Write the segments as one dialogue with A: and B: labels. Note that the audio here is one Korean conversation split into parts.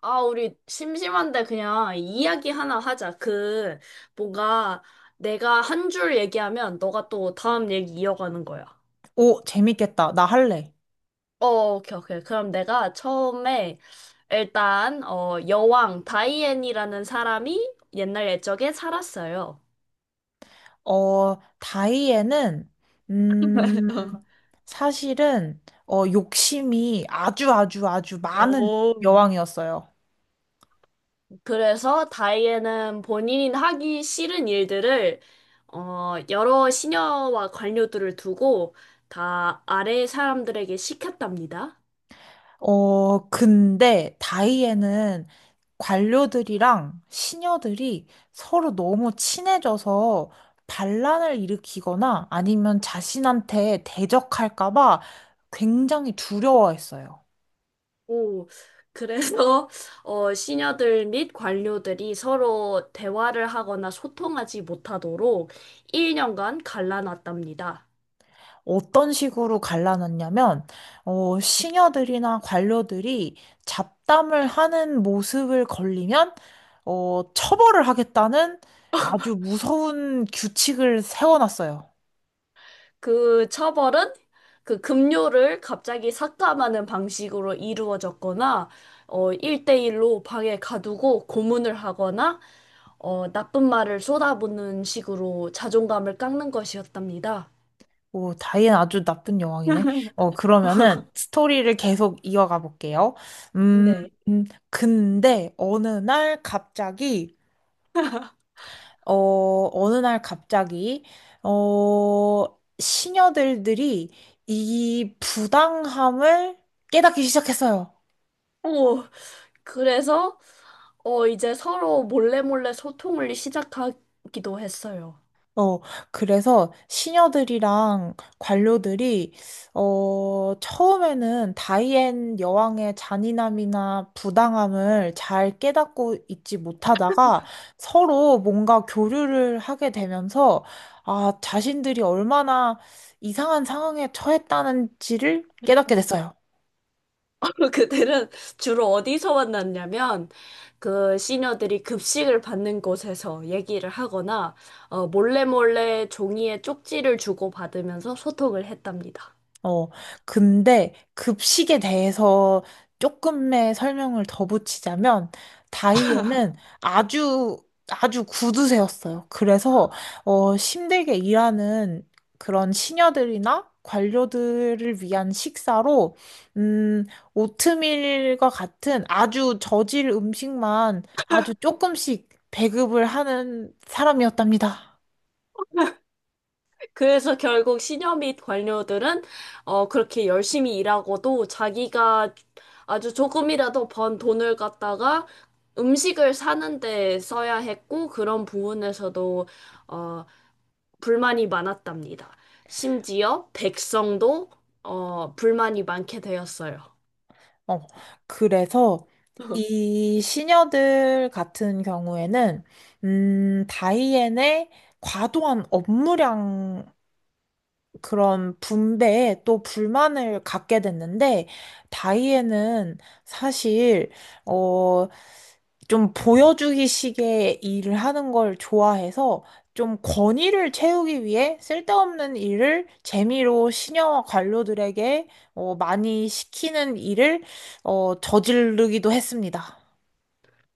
A: 아, 우리 심심한데 그냥 이야기 하나 하자. 뭔가 내가 한 줄 얘기하면 너가 또 다음 얘기 이어가는 거야.
B: 오, 재밌겠다. 나 할래.
A: 어, 오케이, 오케이. 그럼 내가 처음에 일단, 여왕 다이앤이라는 사람이 옛날 옛적에 살았어요.
B: 다이애는, 음, 사실은, 욕심이 아주 아주 아주 많은
A: 오,
B: 여왕이었어요.
A: 그래서 다이앤은 본인이 하기 싫은 일들을 여러 시녀와 관료들을 두고 다 아래 사람들에게 시켰답니다.
B: 근데 다이애는 관료들이랑 시녀들이 서로 너무 친해져서 반란을 일으키거나 아니면 자신한테 대적할까 봐 굉장히 두려워했어요.
A: 오, 그래서 시녀들 및 관료들이 서로 대화를 하거나 소통하지 못하도록 1년간 갈라놨답니다.
B: 어떤 식으로 갈라놨냐면, 시녀들이나 관료들이 잡담을 하는 모습을 걸리면, 처벌을 하겠다는 아주 무서운 규칙을 세워놨어요.
A: 그 처벌은 그 급료를 갑자기 삭감하는 방식으로 이루어졌거나 1:1로 방에 가두고 고문을 하거나 나쁜 말을 쏟아붓는 식으로 자존감을 깎는 것이었답니다.
B: 오, 다이앤 아주 나쁜 여왕이네. 그러면은 스토리를 계속 이어가 볼게요. 음,
A: 네.
B: 음, 근데 어느 날 갑자기, 어, 시녀들들이 이 부당함을 깨닫기 시작했어요.
A: 오, 그래서 이제 서로 몰래 몰래 소통을 시작하기도 했어요.
B: 어, 그래서 시녀들이랑 관료들이, 처음에는 다이앤 여왕의 잔인함이나 부당함을 잘 깨닫고 있지 못하다가 서로 뭔가 교류를 하게 되면서, 아, 자신들이 얼마나 이상한 상황에 처했다는지를 깨닫게 됐어요.
A: 그들은 주로 어디서 만났냐면 그 시녀들이 급식을 받는 곳에서 얘기를 하거나 몰래 몰래 종이에 쪽지를 주고받으면서 소통을 했답니다.
B: 어, 근데 급식에 대해서 조금의 설명을 더 붙이자면, 다이에는 아주, 아주 구두쇠였어요. 그래서, 힘들게 일하는 그런 시녀들이나 관료들을 위한 식사로, 음, 오트밀과 같은 아주 저질 음식만 아주 조금씩 배급을 하는 사람이었답니다.
A: 그래서 결국 시녀 및 관료들은 그렇게 열심히 일하고도 자기가 아주 조금이라도 번 돈을 갖다가 음식을 사는 데 써야 했고 그런 부분에서도 어, 불만이 많았답니다. 심지어 백성도 불만이 많게 되었어요.
B: 어, 그래서 이 시녀들 같은 경우에는, 다이앤의 과도한 업무량 그런 분배에 또 불만을 갖게 됐는데, 다이앤은 사실, 어, 좀 보여주기식의 일을 하는 걸 좋아해서, 좀 권위를 채우기 위해 쓸데없는 일을 재미로 시녀와 관료들에게 많이 시키는 일을 저지르기도 했습니다.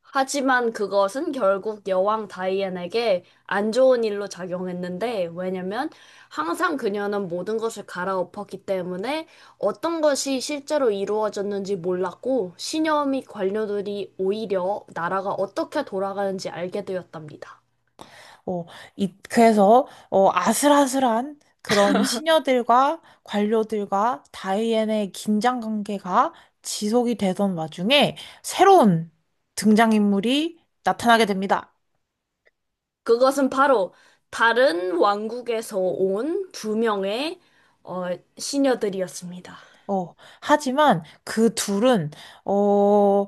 A: 하지만 그것은 결국 여왕 다이앤에게 안 좋은 일로 작용했는데, 왜냐면 항상 그녀는 모든 것을 갈아엎었기 때문에 어떤 것이 실제로 이루어졌는지 몰랐고, 신녀 및 관료들이 오히려 나라가 어떻게 돌아가는지 알게 되었답니다.
B: 어, 그래서 아슬아슬한 그런 시녀들과 관료들과 다이앤의 긴장 관계가 지속이 되던 와중에 새로운 등장인물이 나타나게 됩니다.
A: 그것은 바로 다른 왕국에서 온 두 명의 어, 시녀들이었습니다.
B: 어, 하지만 그 둘은, 어,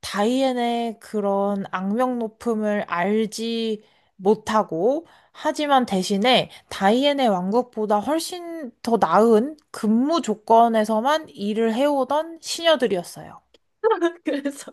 B: 다이앤의 그런 악명 높음을 알지 못하고, 하지만 대신에 다이앤의 왕국보다 훨씬 더 나은 근무 조건에서만 일을 해오던 시녀들이었어요.
A: 그래서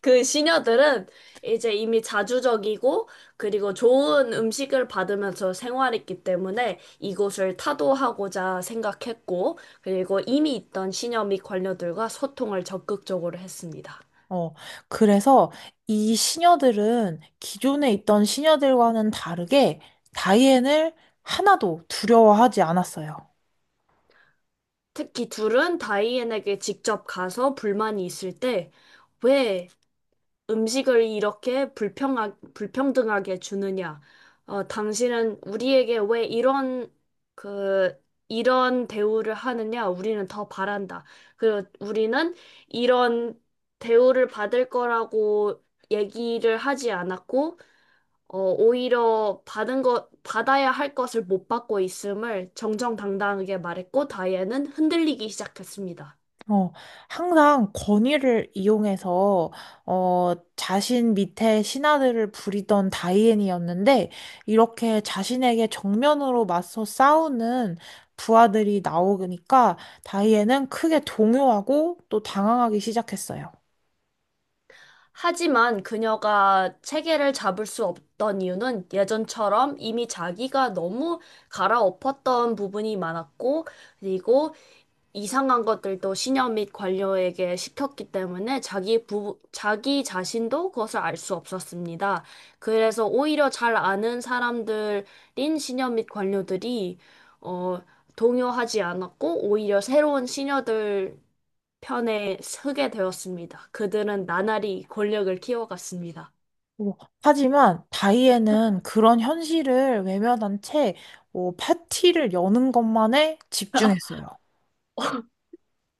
A: 그 시녀들은 이제 이미 자주적이고 그리고 좋은 음식을 받으면서 생활했기 때문에 이곳을 타도하고자 생각했고 그리고 이미 있던 시녀 및 관료들과 소통을 적극적으로 했습니다.
B: 어, 그래서 이 시녀들은 기존에 있던 시녀들과는 다르게 다이앤을 하나도 두려워하지 않았어요.
A: 특히 둘은 다이앤에게 직접 가서 불만이 있을 때왜 음식을 이렇게 불평등하게 주느냐? 당신은 우리에게 왜 이런 그 이런 대우를 하느냐? 우리는 더 바란다. 그리고 우리는 이런 대우를 받을 거라고 얘기를 하지 않았고, 오히려 받은 것, 받아야 할 것을 못 받고 있음을 정정당당하게 말했고, 다이앤은 흔들리기 시작했습니다.
B: 어, 항상 권위를 이용해서, 자신 밑에 신하들을 부리던 다이앤이었는데, 이렇게 자신에게 정면으로 맞서 싸우는 부하들이 나오니까, 다이앤은 크게 동요하고 또 당황하기 시작했어요.
A: 하지만 그녀가 체계를 잡을 수 없던 이유는 예전처럼 이미 자기가 너무 갈아엎었던 부분이 많았고, 그리고 이상한 것들도 시녀 및 관료에게 시켰기 때문에 자기 자신도 그것을 알 수 없었습니다. 그래서 오히려 잘 아는 사람들인 시녀 및 관료들이, 어, 동요하지 않았고, 오히려 새로운 시녀들 편에 서게 되었습니다. 그들은 나날이 권력을 키워갔습니다.
B: 어, 하지만 다이앤은 그런 현실을 외면한 채, 파티를 여는 것만에 집중했어요.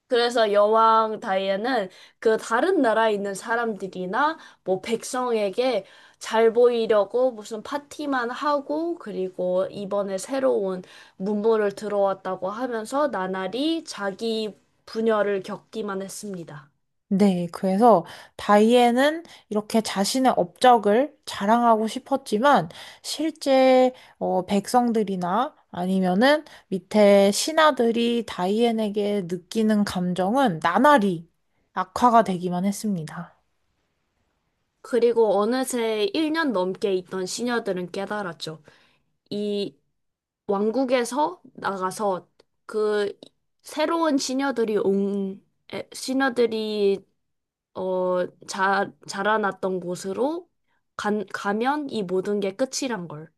A: 그래서 여왕 다이애는 그 다른 나라에 있는 사람들이나 뭐 백성에게 잘 보이려고 무슨 파티만 하고 그리고 이번에 새로운 문물을 들어왔다고 하면서 나날이 자기 분열을 겪기만 했습니다.
B: 네, 그래서 다이앤은 이렇게 자신의 업적을 자랑하고 싶었지만 실제 백성들이나 아니면은 밑에 신하들이 다이앤에게 느끼는 감정은 나날이 악화가 되기만 했습니다.
A: 그리고 어느새 1년 넘게 있던 시녀들은 깨달았죠. 이 왕국에서 나가서 그 새로운 시녀들이 온 시녀들이 자라났던 곳으로 가면 이 모든 게 끝이란 걸.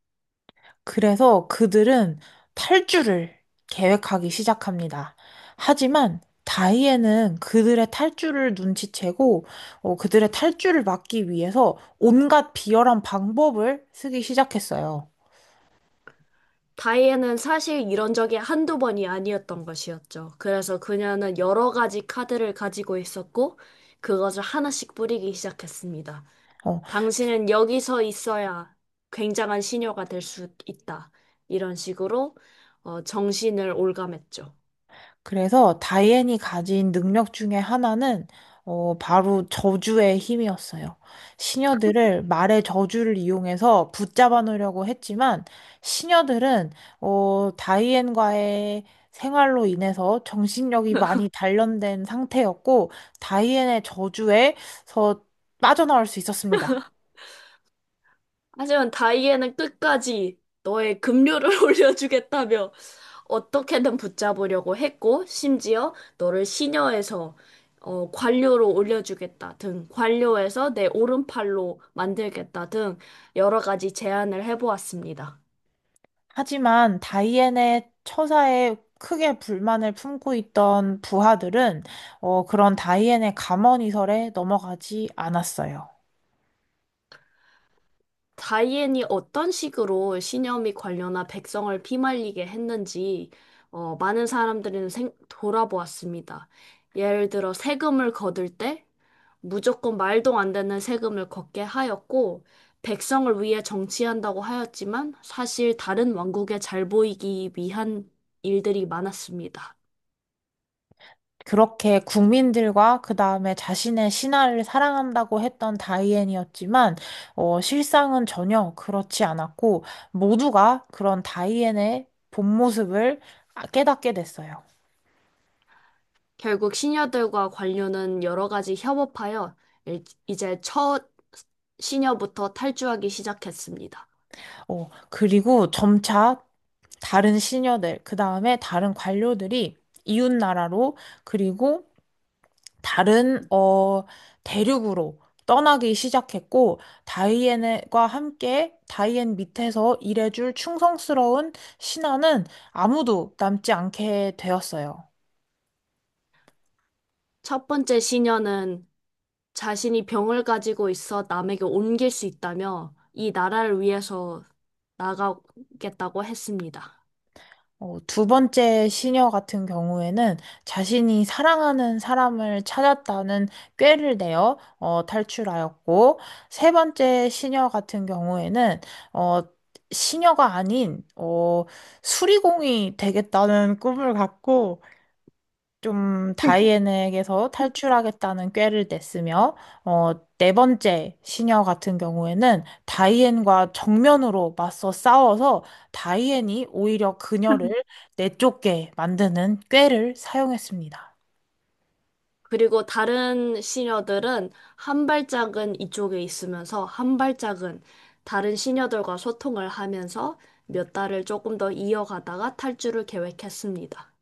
B: 그래서 그들은 탈주를 계획하기 시작합니다. 하지만 다이앤은 그들의 탈주를 눈치채고 그들의 탈주를 막기 위해서 온갖 비열한 방법을 쓰기 시작했어요.
A: 다이앤은 사실 이런 적이 한두 번이 아니었던 것이었죠. 그래서 그녀는 여러 가지 카드를 가지고 있었고, 그것을 하나씩 뿌리기 시작했습니다.
B: 어,
A: 당신은 여기서 있어야 굉장한 시녀가 될 수 있다. 이런 식으로 정신을 올감했죠.
B: 그래서 다이앤이 가진 능력 중에 하나는 바로 저주의 힘이었어요. 시녀들을 말의 저주를 이용해서 붙잡아 놓으려고 했지만 시녀들은 다이앤과의 생활로 인해서 정신력이 많이 단련된 상태였고 다이앤의 저주에서 빠져나올 수 있었습니다.
A: 하지만 다이앤은 끝까지 너의 급료를 올려주겠다며 어떻게든 붙잡으려고 했고, 심지어 너를 시녀에서 관료로 올려주겠다 등, 관료에서 내 오른팔로 만들겠다 등 여러 가지 제안을 해보았습니다.
B: 하지만 다이앤의 처사에 크게 불만을 품고 있던 부하들은 그런 다이앤의 감언이설에 넘어가지 않았어요.
A: 다이앤이 어떤 식으로 신념이 관련한 백성을 피말리게 했는지 많은 사람들은 돌아보았습니다. 예를 들어 세금을 거둘 때 무조건 말도 안 되는 세금을 걷게 하였고 백성을 위해 정치한다고 하였지만 사실 다른 왕국에 잘 보이기 위한 일들이 많았습니다.
B: 그렇게 국민들과 그 다음에 자신의 신하를 사랑한다고 했던 다이앤이었지만 실상은 전혀 그렇지 않았고 모두가 그런 다이앤의 본 모습을 깨닫게 됐어요.
A: 결국 시녀들과 관료는 여러 가지 협업하여 이제 첫 시녀부터 탈주하기 시작했습니다.
B: 그리고 점차 다른 시녀들, 그 다음에 다른 관료들이 이웃나라로, 그리고 다른 대륙으로 떠나기 시작했고, 다이앤과 함께 다이앤 밑에서 일해줄 충성스러운 신하는 아무도 남지 않게 되었어요.
A: 첫 번째 시녀는 자신이 병을 가지고 있어 남에게 옮길 수 있다며 이 나라를 위해서 나가겠다고 했습니다.
B: 두 번째 시녀 같은 경우에는 자신이 사랑하는 사람을 찾았다는 꾀를 내어 탈출하였고, 세 번째 시녀 같은 경우에는 어, 시녀가 아닌 수리공이 되겠다는 꿈을 갖고 좀 다이앤에게서 탈출하겠다는 꾀를 냈으며, 어, 네 번째 시녀 같은 경우에는 다이앤과 정면으로 맞서 싸워서 다이앤이 오히려 그녀를 내쫓게 만드는 꾀를 사용했습니다.
A: 그리고 다른 시녀들은 한 발짝은 이쪽에 있으면서 한 발짝은 다른 시녀들과 소통을 하면서 몇 달을 조금 더 이어가다가 탈주를 계획했습니다.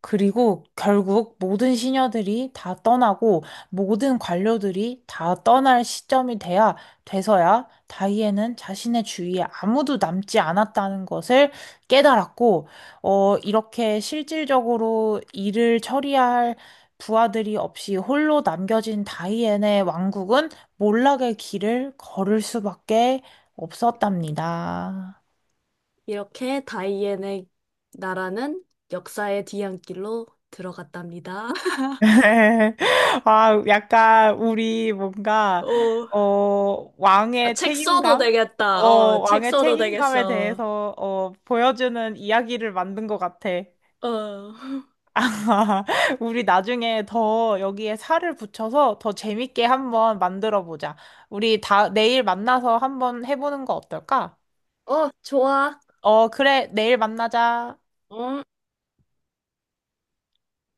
B: 그리고 결국 모든 시녀들이 다 떠나고 모든 관료들이 다 떠날 시점이 돼야 돼서야 다이앤은 자신의 주위에 아무도 남지 않았다는 것을 깨달았고, 이렇게 실질적으로 일을 처리할 부하들이 없이 홀로 남겨진 다이앤의 왕국은 몰락의 길을 걸을 수밖에 없었답니다.
A: 이렇게 다이앤의 나라는 역사의 뒤안길로 들어갔답니다.
B: 아, 약간 우리 뭔가
A: 어, 아,
B: 왕의
A: 책 써도
B: 책임감? 어,
A: 되겠다. 책
B: 왕의
A: 써도
B: 책임감에
A: 되겠어.
B: 대해서 보여주는 이야기를 만든 것 같아.
A: 어,
B: 우리 나중에 더 여기에 살을 붙여서 더 재밌게 한번 만들어 보자. 우리 다 내일 만나서 한번 해보는 거 어떨까?
A: 좋아.
B: 어, 그래, 내일 만나자.
A: 응?